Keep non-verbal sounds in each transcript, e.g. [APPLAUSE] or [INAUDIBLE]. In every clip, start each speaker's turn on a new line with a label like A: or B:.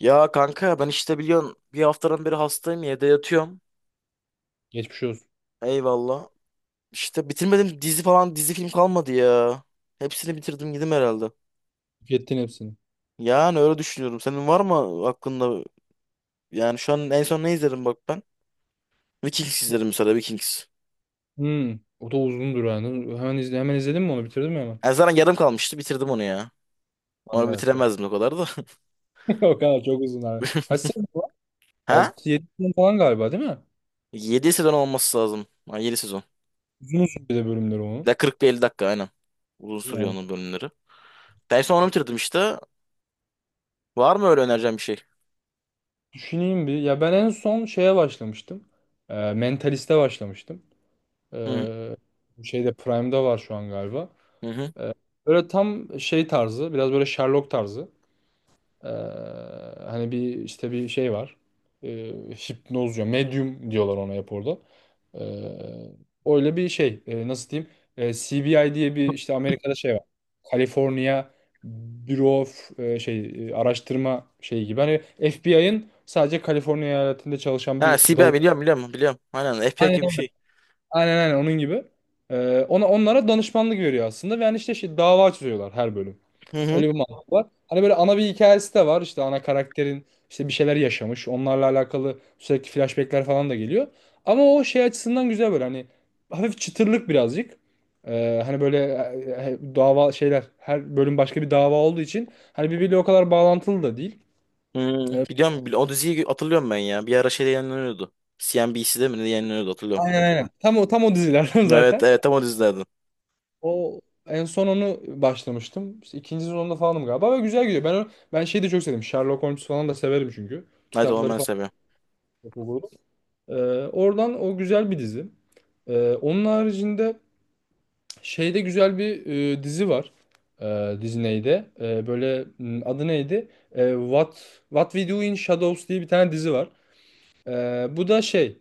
A: Ya kanka ben işte biliyorsun bir haftadan beri hastayım evde yatıyorum.
B: Geçmiş olsun.
A: Eyvallah. İşte bitirmedim dizi falan dizi film kalmadı ya. Hepsini bitirdim gidim herhalde.
B: Tükettin hepsini.
A: Yani öyle düşünüyorum. Senin var mı aklında? Yani şu an en son ne izledim bak ben? Vikings izledim mesela Vikings.
B: Hmm. O da uzundur yani. Hemen, izle, hemen izledin mi onu? Bitirdin mi hemen?
A: En zaten yarım kalmıştı bitirdim onu ya.
B: Lan,
A: Onu
B: evet, doğru.
A: bitiremezdim o kadar da. [LAUGHS]
B: [LAUGHS] O kadar çok uzun abi. Kaç sezon var?
A: Ha?
B: 6-7 sezon falan galiba, değil mi?
A: Yedi sezon olması lazım. Ha, 7 sezon.
B: Uzun uzun bir de bölümleri onun.
A: Ya 40-50 dakika aynen. Uzun sürüyor
B: Yani
A: onun bölümleri. Ben en son onu bitirdim işte. Var mı öyle önereceğim bir şey?
B: düşüneyim bir. Ya ben en son şeye başlamıştım. Mentalist'e başlamıştım.
A: Hı
B: Ee, bu şeyde Prime'da var şu an galiba.
A: hı.
B: Ee, böyle tam şey tarzı. Biraz böyle Sherlock tarzı. Ee, hani bir işte bir şey var. Ee, hipnoz diyor. Medium diyorlar ona hep orada. Ee, öyle bir şey. Nasıl diyeyim? CBI diye bir işte Amerika'da şey var. California Bureau of şey araştırma şeyi gibi. Hani FBI'ın sadece Kaliforniya eyaletinde çalışan
A: Ha,
B: bir
A: CBA
B: dalı.
A: biliyorum biliyorum biliyorum. Aynen FPA
B: Aynen
A: gibi bir
B: öyle.
A: şey.
B: Aynen onun gibi. Ona onlara danışmanlık veriyor aslında ve yani işte şey, dava açıyorlar her bölüm.
A: Hı hı.
B: Öyle bir mantık var. Hani böyle ana bir hikayesi de var. İşte ana karakterin işte bir şeyler yaşamış. Onlarla alakalı sürekli flashbackler falan da geliyor. Ama o şey açısından güzel böyle, hani hafif çıtırlık birazcık. Hani böyle dava şeyler, her bölüm başka bir dava olduğu için hani birbiriyle o kadar bağlantılı da değil.
A: Hmm,
B: Ee,
A: biliyorum o diziyi hatırlıyorum ben ya. Bir ara şeyde yayınlanıyordu. CNBC'de mi ne yayınlanıyordu hatırlıyorum.
B: aynen. Tam o tam o dizilerden [LAUGHS]
A: Evet,
B: zaten.
A: evet, tam o dizilerden.
B: O en son onu başlamıştım. İşte ikinci sezonda falanım galiba ve güzel gidiyor. Ben şeyi de çok sevdim. Sherlock Holmes falan da severim çünkü.
A: Night Owl
B: Kitapları
A: ben
B: falan.
A: seviyorum.
B: Ee, oradan o güzel bir dizi. Onun haricinde şeyde güzel bir dizi var. Disney'de. Böyle adı neydi? What We Do in Shadows diye bir tane dizi var. Bu da şey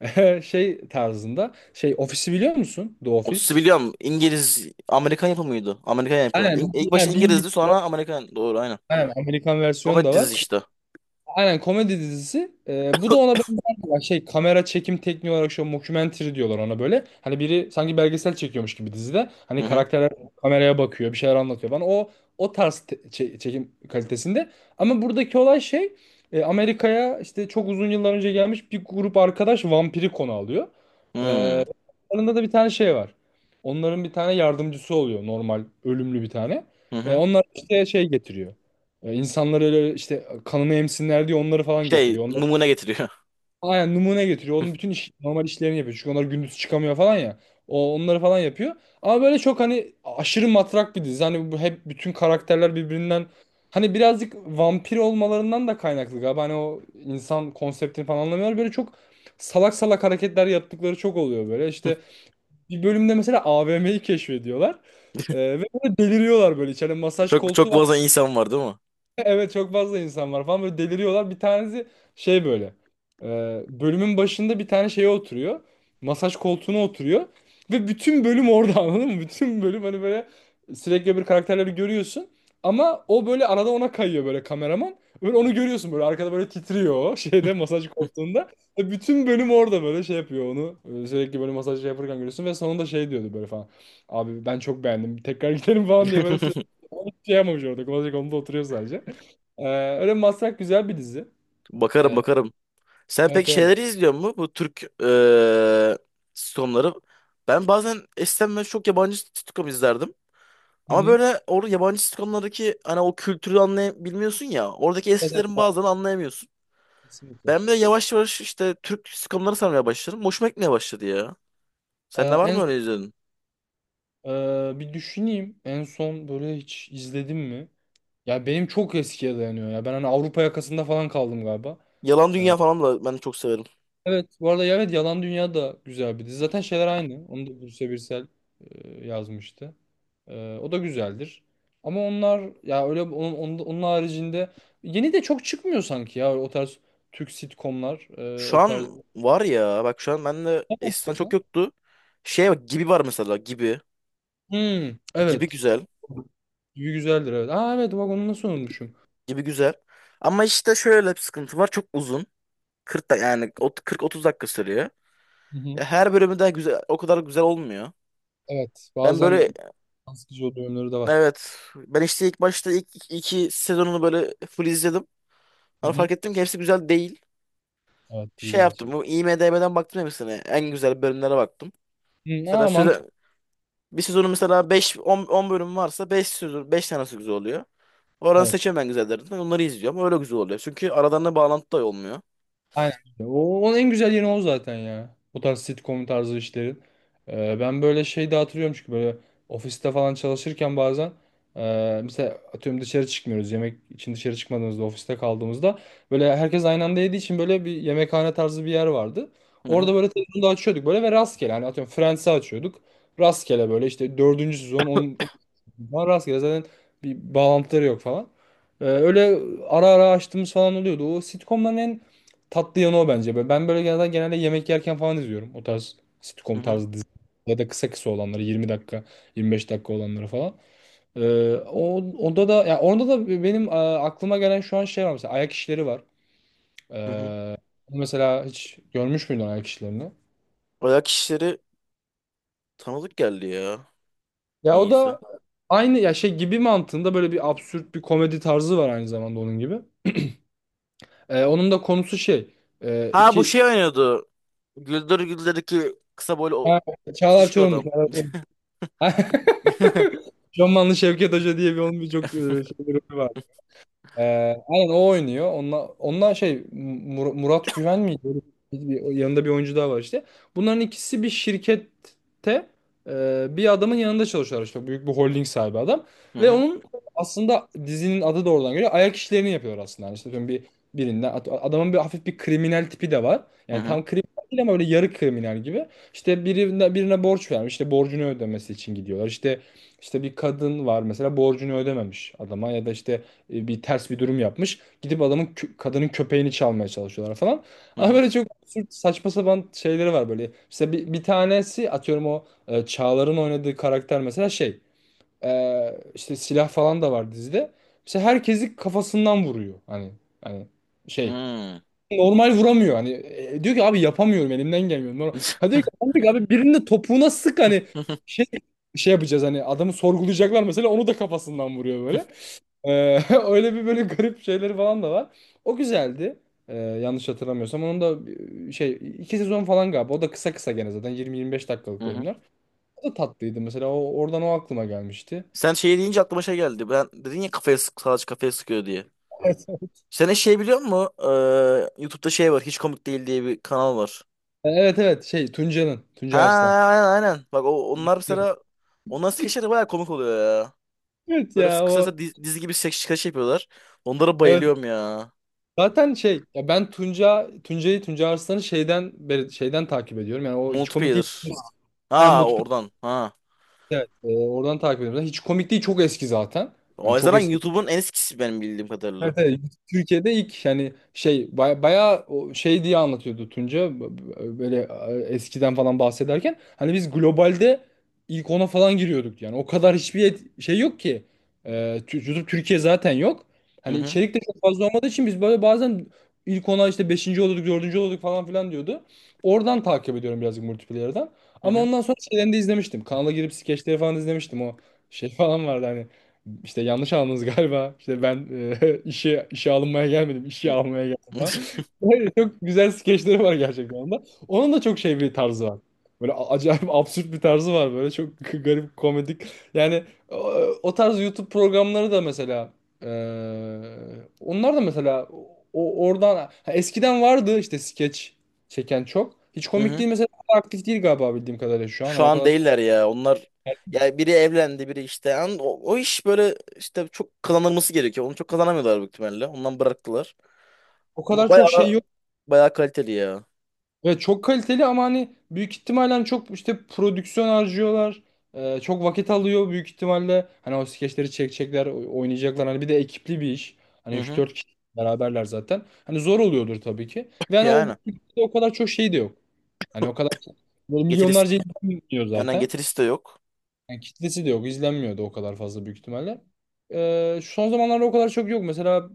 B: [LAUGHS] şey tarzında. Şey ofisi biliyor musun? The
A: O
B: Office.
A: dizi biliyorum. İngiliz Amerikan yapımı mıydı? Amerikan yapı.
B: Aynen.
A: İlk başta
B: Yani bir İngiliz
A: İngilizdi
B: var.
A: sonra Amerikan. Doğru aynen.
B: Aynen, Amerikan versiyonu
A: Komedi
B: da var.
A: dizisi işte.
B: Aynen komedi dizisi. Bu da ona benzer bir şey kamera çekim tekniği olarak şu mockumentary diyorlar ona böyle. Hani biri sanki belgesel çekiyormuş gibi dizide. Hani
A: Hı hı.
B: karakterler kameraya bakıyor, bir şeyler anlatıyor falan. O tarz çekim kalitesinde. Ama buradaki olay şey Amerika'ya işte çok uzun yıllar önce gelmiş bir grup arkadaş vampiri konu alıyor.
A: Hmm.
B: Ee, aralarında da bir tane şey var. Onların bir tane yardımcısı oluyor, normal ölümlü bir tane.
A: Hı hı.
B: Onlar işte şey getiriyor. E, insanlar öyle işte kanımı emsinler diye onları falan
A: Şey
B: getiriyor. Onları,
A: numune getiriyor.
B: aynen numune getiriyor. Onun bütün iş, normal işlerini yapıyor. Çünkü onlar gündüz çıkamıyor falan ya. O onları falan yapıyor. Ama böyle çok hani aşırı matrak bir dizi. Hani bu hep bütün karakterler birbirinden, hani birazcık vampir olmalarından da kaynaklı galiba. Hani o insan konseptini falan anlamıyorlar. Böyle çok salak salak hareketler yaptıkları çok oluyor böyle. İşte
A: [LAUGHS]
B: bir bölümde mesela AVM'yi keşfediyorlar. E, ve böyle deliriyorlar böyle. İçeride masaj
A: Çok
B: koltuğu
A: çok
B: var.
A: fazla insan var değil mi?
B: [LAUGHS] Evet, çok fazla insan var falan, böyle deliriyorlar. Bir tanesi şey böyle e, bölümün başında bir tane şeye oturuyor. Masaj koltuğuna oturuyor. Ve bütün bölüm orada [LAUGHS] anladın mı? Bütün bölüm hani böyle sürekli bir karakterleri görüyorsun. Ama o böyle arada ona kayıyor böyle kameraman. Böyle onu görüyorsun böyle arkada böyle titriyor o [LAUGHS] şeyde, masaj koltuğunda. Ve bütün bölüm orada böyle şey yapıyor onu. Sürekli böyle masaj şey yaparken görüyorsun ve sonunda şey diyordu böyle falan. Abi ben çok beğendim, tekrar [LAUGHS] gidelim falan diye böyle.
A: [LAUGHS]
B: Hiçbir şey yapmamış, orada masaj koltuğunda oturuyor sadece. Ee, öyle Masrak güzel bir dizi.
A: Bakarım
B: Ee,
A: bakarım. Sen pek
B: evet, evet.
A: şeyleri izliyor mu? Bu Türk sitcomları. Ben bazen eskiden ben çok yabancı sitcom izlerdim.
B: Hı
A: Ama
B: hı.
A: böyle orada yabancı sitcomlardaki hani o kültürü anlayabilmiyorsun ya. Oradaki
B: Evet, evet,
A: esprilerin
B: abi,
A: bazen anlayamıyorsun.
B: kesinlikle.
A: Ben de yavaş yavaş işte Türk sitcomları sarmaya başladım. Hoşuma gitmeye başladı ya. Sende
B: Ee,
A: var
B: en
A: mı öyle
B: son-
A: izledin?
B: bir düşüneyim. En son böyle hiç izledim mi? Ya benim çok eskiye dayanıyor ya. Ben hani Avrupa yakasında falan kaldım galiba.
A: Yalan Dünya falan da ben çok severim.
B: Evet, bu arada evet, Yalan Dünya da güzel bir dizi. Zaten şeyler aynı. Onu da Buse Birsel yazmıştı. O da güzeldir. Ama onlar ya öyle onun haricinde yeni de çok çıkmıyor sanki ya, o tarz Türk sitcomlar
A: Şu
B: o tarz.
A: an var ya bak, şu an bende eskiden çok yoktu. Şey bak, gibi var mesela, gibi.
B: Hmm,
A: Gibi
B: evet.
A: güzel.
B: Gibi güzeldir, evet. Aa evet, bak onu nasıl unutmuşum.
A: Gibi güzel. Ama işte şöyle bir sıkıntı var. Çok uzun. 40 da yani 40-30 dakika sürüyor.
B: Hı hı.
A: Ya her bölümü de güzel, o kadar güzel olmuyor.
B: Evet,
A: Ben böyle
B: bazen can sıkıcı olduğu yönleri de var.
A: evet ben işte ilk başta ilk ilk iki sezonunu böyle full izledim.
B: Hı
A: Sonra
B: hı.
A: fark ettim ki hepsi güzel değil.
B: Evet,
A: Şey
B: iyi
A: yaptım. Bu
B: gerçekten.
A: IMDb'den baktım hepsine. En güzel bölümlere baktım.
B: Hı,
A: Mesela
B: aa mantıklı.
A: söze, bir sezonu mesela 5 10, 10 bölüm varsa 5 sezon 5 tanesi güzel oluyor. Oradan seçiyorum ben güzellerinden. Onları izliyorum. Öyle güzel oluyor. Çünkü aralarında bağlantı da olmuyor.
B: Aynen. Onun en güzel yeri o zaten ya. Bu tarz sitcom tarzı işlerin. Ben böyle şey de hatırlıyorum çünkü böyle ofiste falan çalışırken bazen mesela atıyorum, dışarı çıkmıyoruz. Yemek için dışarı çıkmadığımızda, ofiste kaldığımızda böyle herkes aynı anda yediği için böyle bir yemekhane tarzı bir yer vardı.
A: Hı hı.
B: Orada böyle televizyonu da açıyorduk böyle ve rastgele hani atıyorum Friends'i açıyorduk. Rastgele böyle işte dördüncü sezon on, on rastgele zaten, bir bağlantıları yok falan. Öyle ara ara açtığımız falan oluyordu. O sitcomların tatlı yanı o bence. Ben böyle genelde yemek yerken falan izliyorum. O tarz
A: Hı
B: sitcom
A: hı.
B: tarzı dizi. Ya da kısa kısa olanları, 20 dakika 25 dakika olanları falan. Onda da ya onda da benim aklıma gelen şu an şey var mesela, ayak işleri var.
A: Hı hı.
B: Mesela hiç görmüş müydün ayak işlerini?
A: Ayak işleri. Tanıdık geldi ya.
B: Ya o
A: Niyeyse.
B: da aynı ya, şey gibi mantığında böyle bir absürt bir komedi tarzı var aynı zamanda onun gibi. Onun da konusu şey
A: Ha, bu
B: iki
A: şey oynuyordu. Güldür Güldür'deki kısa boylu o
B: ha, Çağlar
A: şişko
B: Çorumlu.
A: adam.
B: [LAUGHS] Şamanlı Şevket Hoca diye bir, onun bir çok şey ee, aynen o oynuyor. Onunla şey Murat Güven miydi? Öyle yanında bir oyuncu daha var işte. Bunların ikisi bir şirkette bir adamın yanında çalışıyorlar işte. Büyük bir holding sahibi adam.
A: Hı
B: Ve
A: hı.
B: onun aslında dizinin adı da oradan geliyor. Ayak işlerini yapıyor aslında. Yani işte atıyorum bir adamın bir hafif bir kriminal tipi de var.
A: Hı
B: Yani
A: hı.
B: tam kriminal değil ama öyle yarı kriminal gibi. İşte birine borç vermiş. İşte borcunu ödemesi için gidiyorlar. İşte bir kadın var mesela, borcunu ödememiş adama ya da işte bir ters bir durum yapmış. Gidip adamın kadının köpeğini çalmaya çalışıyorlar falan.
A: Hı
B: Ama
A: hı.
B: böyle çok absürt, saçma sapan şeyleri var böyle. İşte bir tanesi atıyorum o Çağlar'ın oynadığı karakter mesela şey işte silah falan da var dizide. Mesela herkesi kafasından vuruyor. Hani şey
A: Hı.
B: normal vuramıyor. Hani diyor ki, "Abi yapamıyorum, elimden gelmiyor. Normal." Ha diyor ki,
A: [LAUGHS]
B: "Amcık abi birinin de topuğuna sık, hani şey şey yapacağız, hani adamı sorgulayacaklar" mesela, onu da kafasından vuruyor böyle. Ee, [LAUGHS] öyle bir böyle garip şeyleri falan da var. O güzeldi. Yanlış hatırlamıyorsam, onun da şey iki sezon falan galiba. O da kısa kısa gene zaten 20-25 dakikalık
A: Hı hı.
B: bölümler. O da tatlıydı mesela. Oradan o aklıma gelmişti.
A: Sen şey deyince aklıma şey geldi. Ben dedin ya, kafaya sık, salaç kafaya sıkıyor diye.
B: Evet
A: Sen hiç şey biliyor musun? YouTube'da şey var. Hiç komik değil diye bir kanal var.
B: [LAUGHS] evet. Şey Tunca'nın.
A: Ha,
B: Tunca Arslan.
A: aynen aynen. Bak, onlar
B: Evet.
A: mesela skeçler de bayağı komik oluyor ya.
B: Evet
A: Böyle
B: ya o.
A: kısasa dizi gibi skeç skeç yapıyorlar. Onlara
B: Evet.
A: bayılıyorum ya.
B: Zaten şey ya, ben Tunca Tunca'yı Tunca Arslan'ı şeyden beri şeyden takip ediyorum. Yani O Hiç Komik
A: Multiplayer.
B: Değil. Yani
A: Ha,
B: Mutlu.
A: oradan. Ha.
B: Evet, oradan takip ediyorum. Zaten Hiç Komik Değil çok eski zaten.
A: O
B: Hani çok
A: yüzden
B: eski.
A: YouTube'un en eskisi benim bildiğim kadarıyla.
B: Evet, evet. Türkiye'de ilk yani şey bayağı o şey diye anlatıyordu Tunca, böyle eskiden falan bahsederken, hani biz globalde ilk ona falan giriyorduk. Yani o kadar hiçbir şey yok ki. Ee, YouTube Türkiye zaten yok,
A: Hı
B: hani
A: hı.
B: içerik de çok fazla olmadığı için biz böyle bazen ilk ona işte beşinci oluyorduk, dördüncü oluyorduk falan filan diyordu. Oradan takip ediyorum birazcık, multiplayer'dan.
A: Hı
B: Ama
A: hı.
B: ondan sonra şeylerini de izlemiştim, kanala girip skeçleri falan izlemiştim. O şey [LAUGHS] falan vardı hani. İşte yanlış anladınız [LAUGHS] galiba. İşte ben [LAUGHS] işe alınmaya gelmedim,
A: Hı
B: işe almaya geldim
A: [LAUGHS]
B: ben.
A: hı.
B: Böyle çok güzel skeçleri var gerçekten onda. Onun da çok şey bir tarzı var. Böyle acayip [LAUGHS] absürt bir tarzı var böyle çok [LAUGHS] garip komedik. Yani o, o tarz YouTube programları da mesela e, onlar da mesela oradan ha, eskiden vardı işte skeç çeken çok. Hiç
A: Hı.
B: Komik
A: Hı.
B: Değil mesela, aktif değil galiba bildiğim kadarıyla şu an.
A: Şu
B: Yani o
A: an
B: kadar,
A: değiller ya. Onlar
B: yani
A: ya biri evlendi, biri işte. Yani o iş böyle işte çok kazanılması gerekiyor. Onu çok kazanamıyorlar büyük ihtimalle. Ondan bıraktılar.
B: o
A: Ama
B: kadar çok şey.
A: bayağı bayağı kaliteli ya.
B: Ve çok kaliteli ama hani büyük ihtimalle, hani çok işte prodüksiyon harcıyorlar. Çok vakit alıyor büyük ihtimalle. Hani o skeçleri çekecekler, oynayacaklar. Hani bir de ekipli bir iş. Hani
A: Hı
B: üç
A: hı.
B: dört kişi beraberler zaten. Hani zor oluyordur tabii ki. Ve hani o,
A: Yani
B: o kadar çok şey de yok. Hani o kadar böyle
A: getirisi
B: milyonlarca izlenmiyor
A: yani
B: zaten.
A: getirisi de yok.
B: Yani kitlesi de yok, izlenmiyor da o kadar fazla büyük ihtimalle. Son zamanlarda o kadar çok yok. Mesela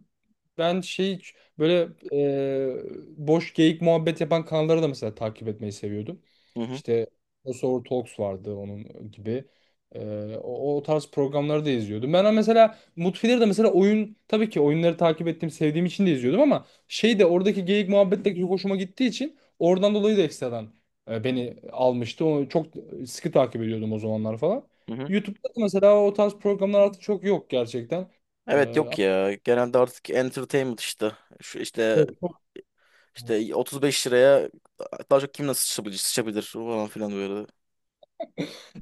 B: ben şey böyle boş geyik muhabbet yapan kanalları da mesela takip etmeyi seviyordum.
A: Hı hı.
B: İşte O Talks vardı, onun gibi. E, o tarz programları da izliyordum. Ben mesela Mutfileri de mesela, oyun tabii ki, oyunları takip ettiğim, sevdiğim için de izliyordum ama şey de oradaki geyik muhabbet de çok hoşuma gittiği için oradan dolayı da ekstradan beni almıştı. Onu çok sıkı takip ediyordum o zamanlar falan.
A: Hı hı.
B: YouTube'da da mesela o tarz programlar artık çok yok gerçekten.
A: Evet
B: E,
A: yok ya. Genelde artık entertainment işte. Şu işte 35 liraya daha çok kim nasıl sıçrabilir, sıçabilir falan filan böyle.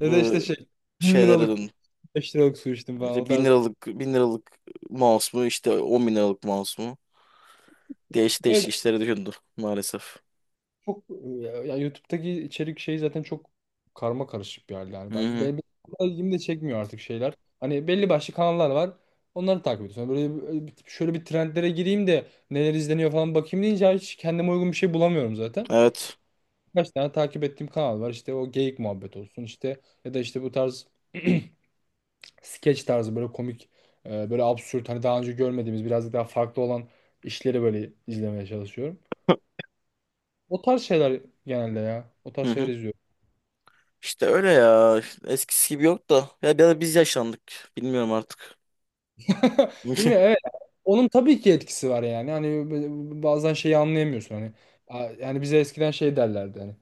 B: ya da işte şey 1000
A: şeylere
B: liralık,
A: döndü.
B: 5 liralık su içtim falan, o
A: İşte bin
B: tarz.
A: liralık bin liralık mouse mu, işte 10.000 liralık mouse mu? Değişik
B: Evet,
A: değişik işlere döndü maalesef.
B: çok ya, ya YouTube'daki içerik şey zaten çok karma karışık bir hal
A: Hı
B: yani.
A: hı.
B: Benim ilgimi de çekmiyor artık şeyler. Hani belli başlı kanallar var. Onları takip ediyorsun. Hani şöyle bir trendlere gireyim de neler izleniyor falan bakayım deyince hiç kendime uygun bir şey bulamıyorum zaten.
A: Evet.
B: Kaç tane takip ettiğim kanal var. İşte o geyik muhabbet olsun, işte ya da işte bu tarz [CLEARS THROAT] skeç tarzı, böyle komik böyle absürt, hani daha önce görmediğimiz birazcık daha farklı olan işleri böyle izlemeye çalışıyorum. O tarz şeyler genelde ya. O tarz
A: Hı
B: şeyler
A: hı.
B: izliyorum.
A: İşte öyle ya. Eskisi gibi yok da. Ya biraz biz yaşlandık. Bilmiyorum artık.
B: [LAUGHS] Değil mi?
A: [LAUGHS]
B: Evet. Onun tabii ki etkisi var yani. Hani bazen şeyi anlayamıyorsun hani. Yani bize eskiden şey derlerdi hani.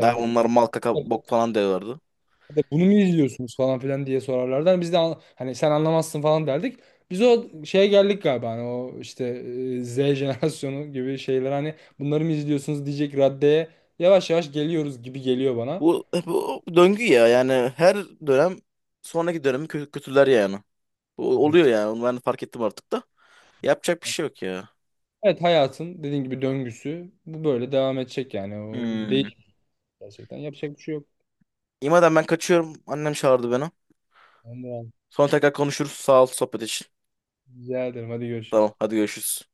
A: Ya onlar mal kaka bok falan diyorlardı.
B: de bunu mu izliyorsunuz falan filan diye sorarlardı. Hani biz de hani sen anlamazsın falan derdik. Biz o şeye geldik galiba, hani o işte Z jenerasyonu [LAUGHS] gibi şeyler, hani bunları mı izliyorsunuz diyecek raddeye yavaş yavaş geliyoruz gibi geliyor bana.
A: Bu döngü ya. Yani her dönem sonraki dönemi kötüler yani. Bu
B: Evet.
A: oluyor yani. Ben fark ettim artık da. Yapacak bir şey yok ya.
B: Evet, hayatın dediğin gibi döngüsü bu, böyle devam edecek yani o
A: Hmm.
B: değişik, gerçekten yapacak bir şey yok.
A: İmadan ben kaçıyorum. Annem çağırdı beni.
B: Tamam,
A: Sonra tekrar konuşuruz. Sağ ol sohbet için.
B: güzel ederim, hadi görüşürüz.
A: Tamam, hadi görüşürüz.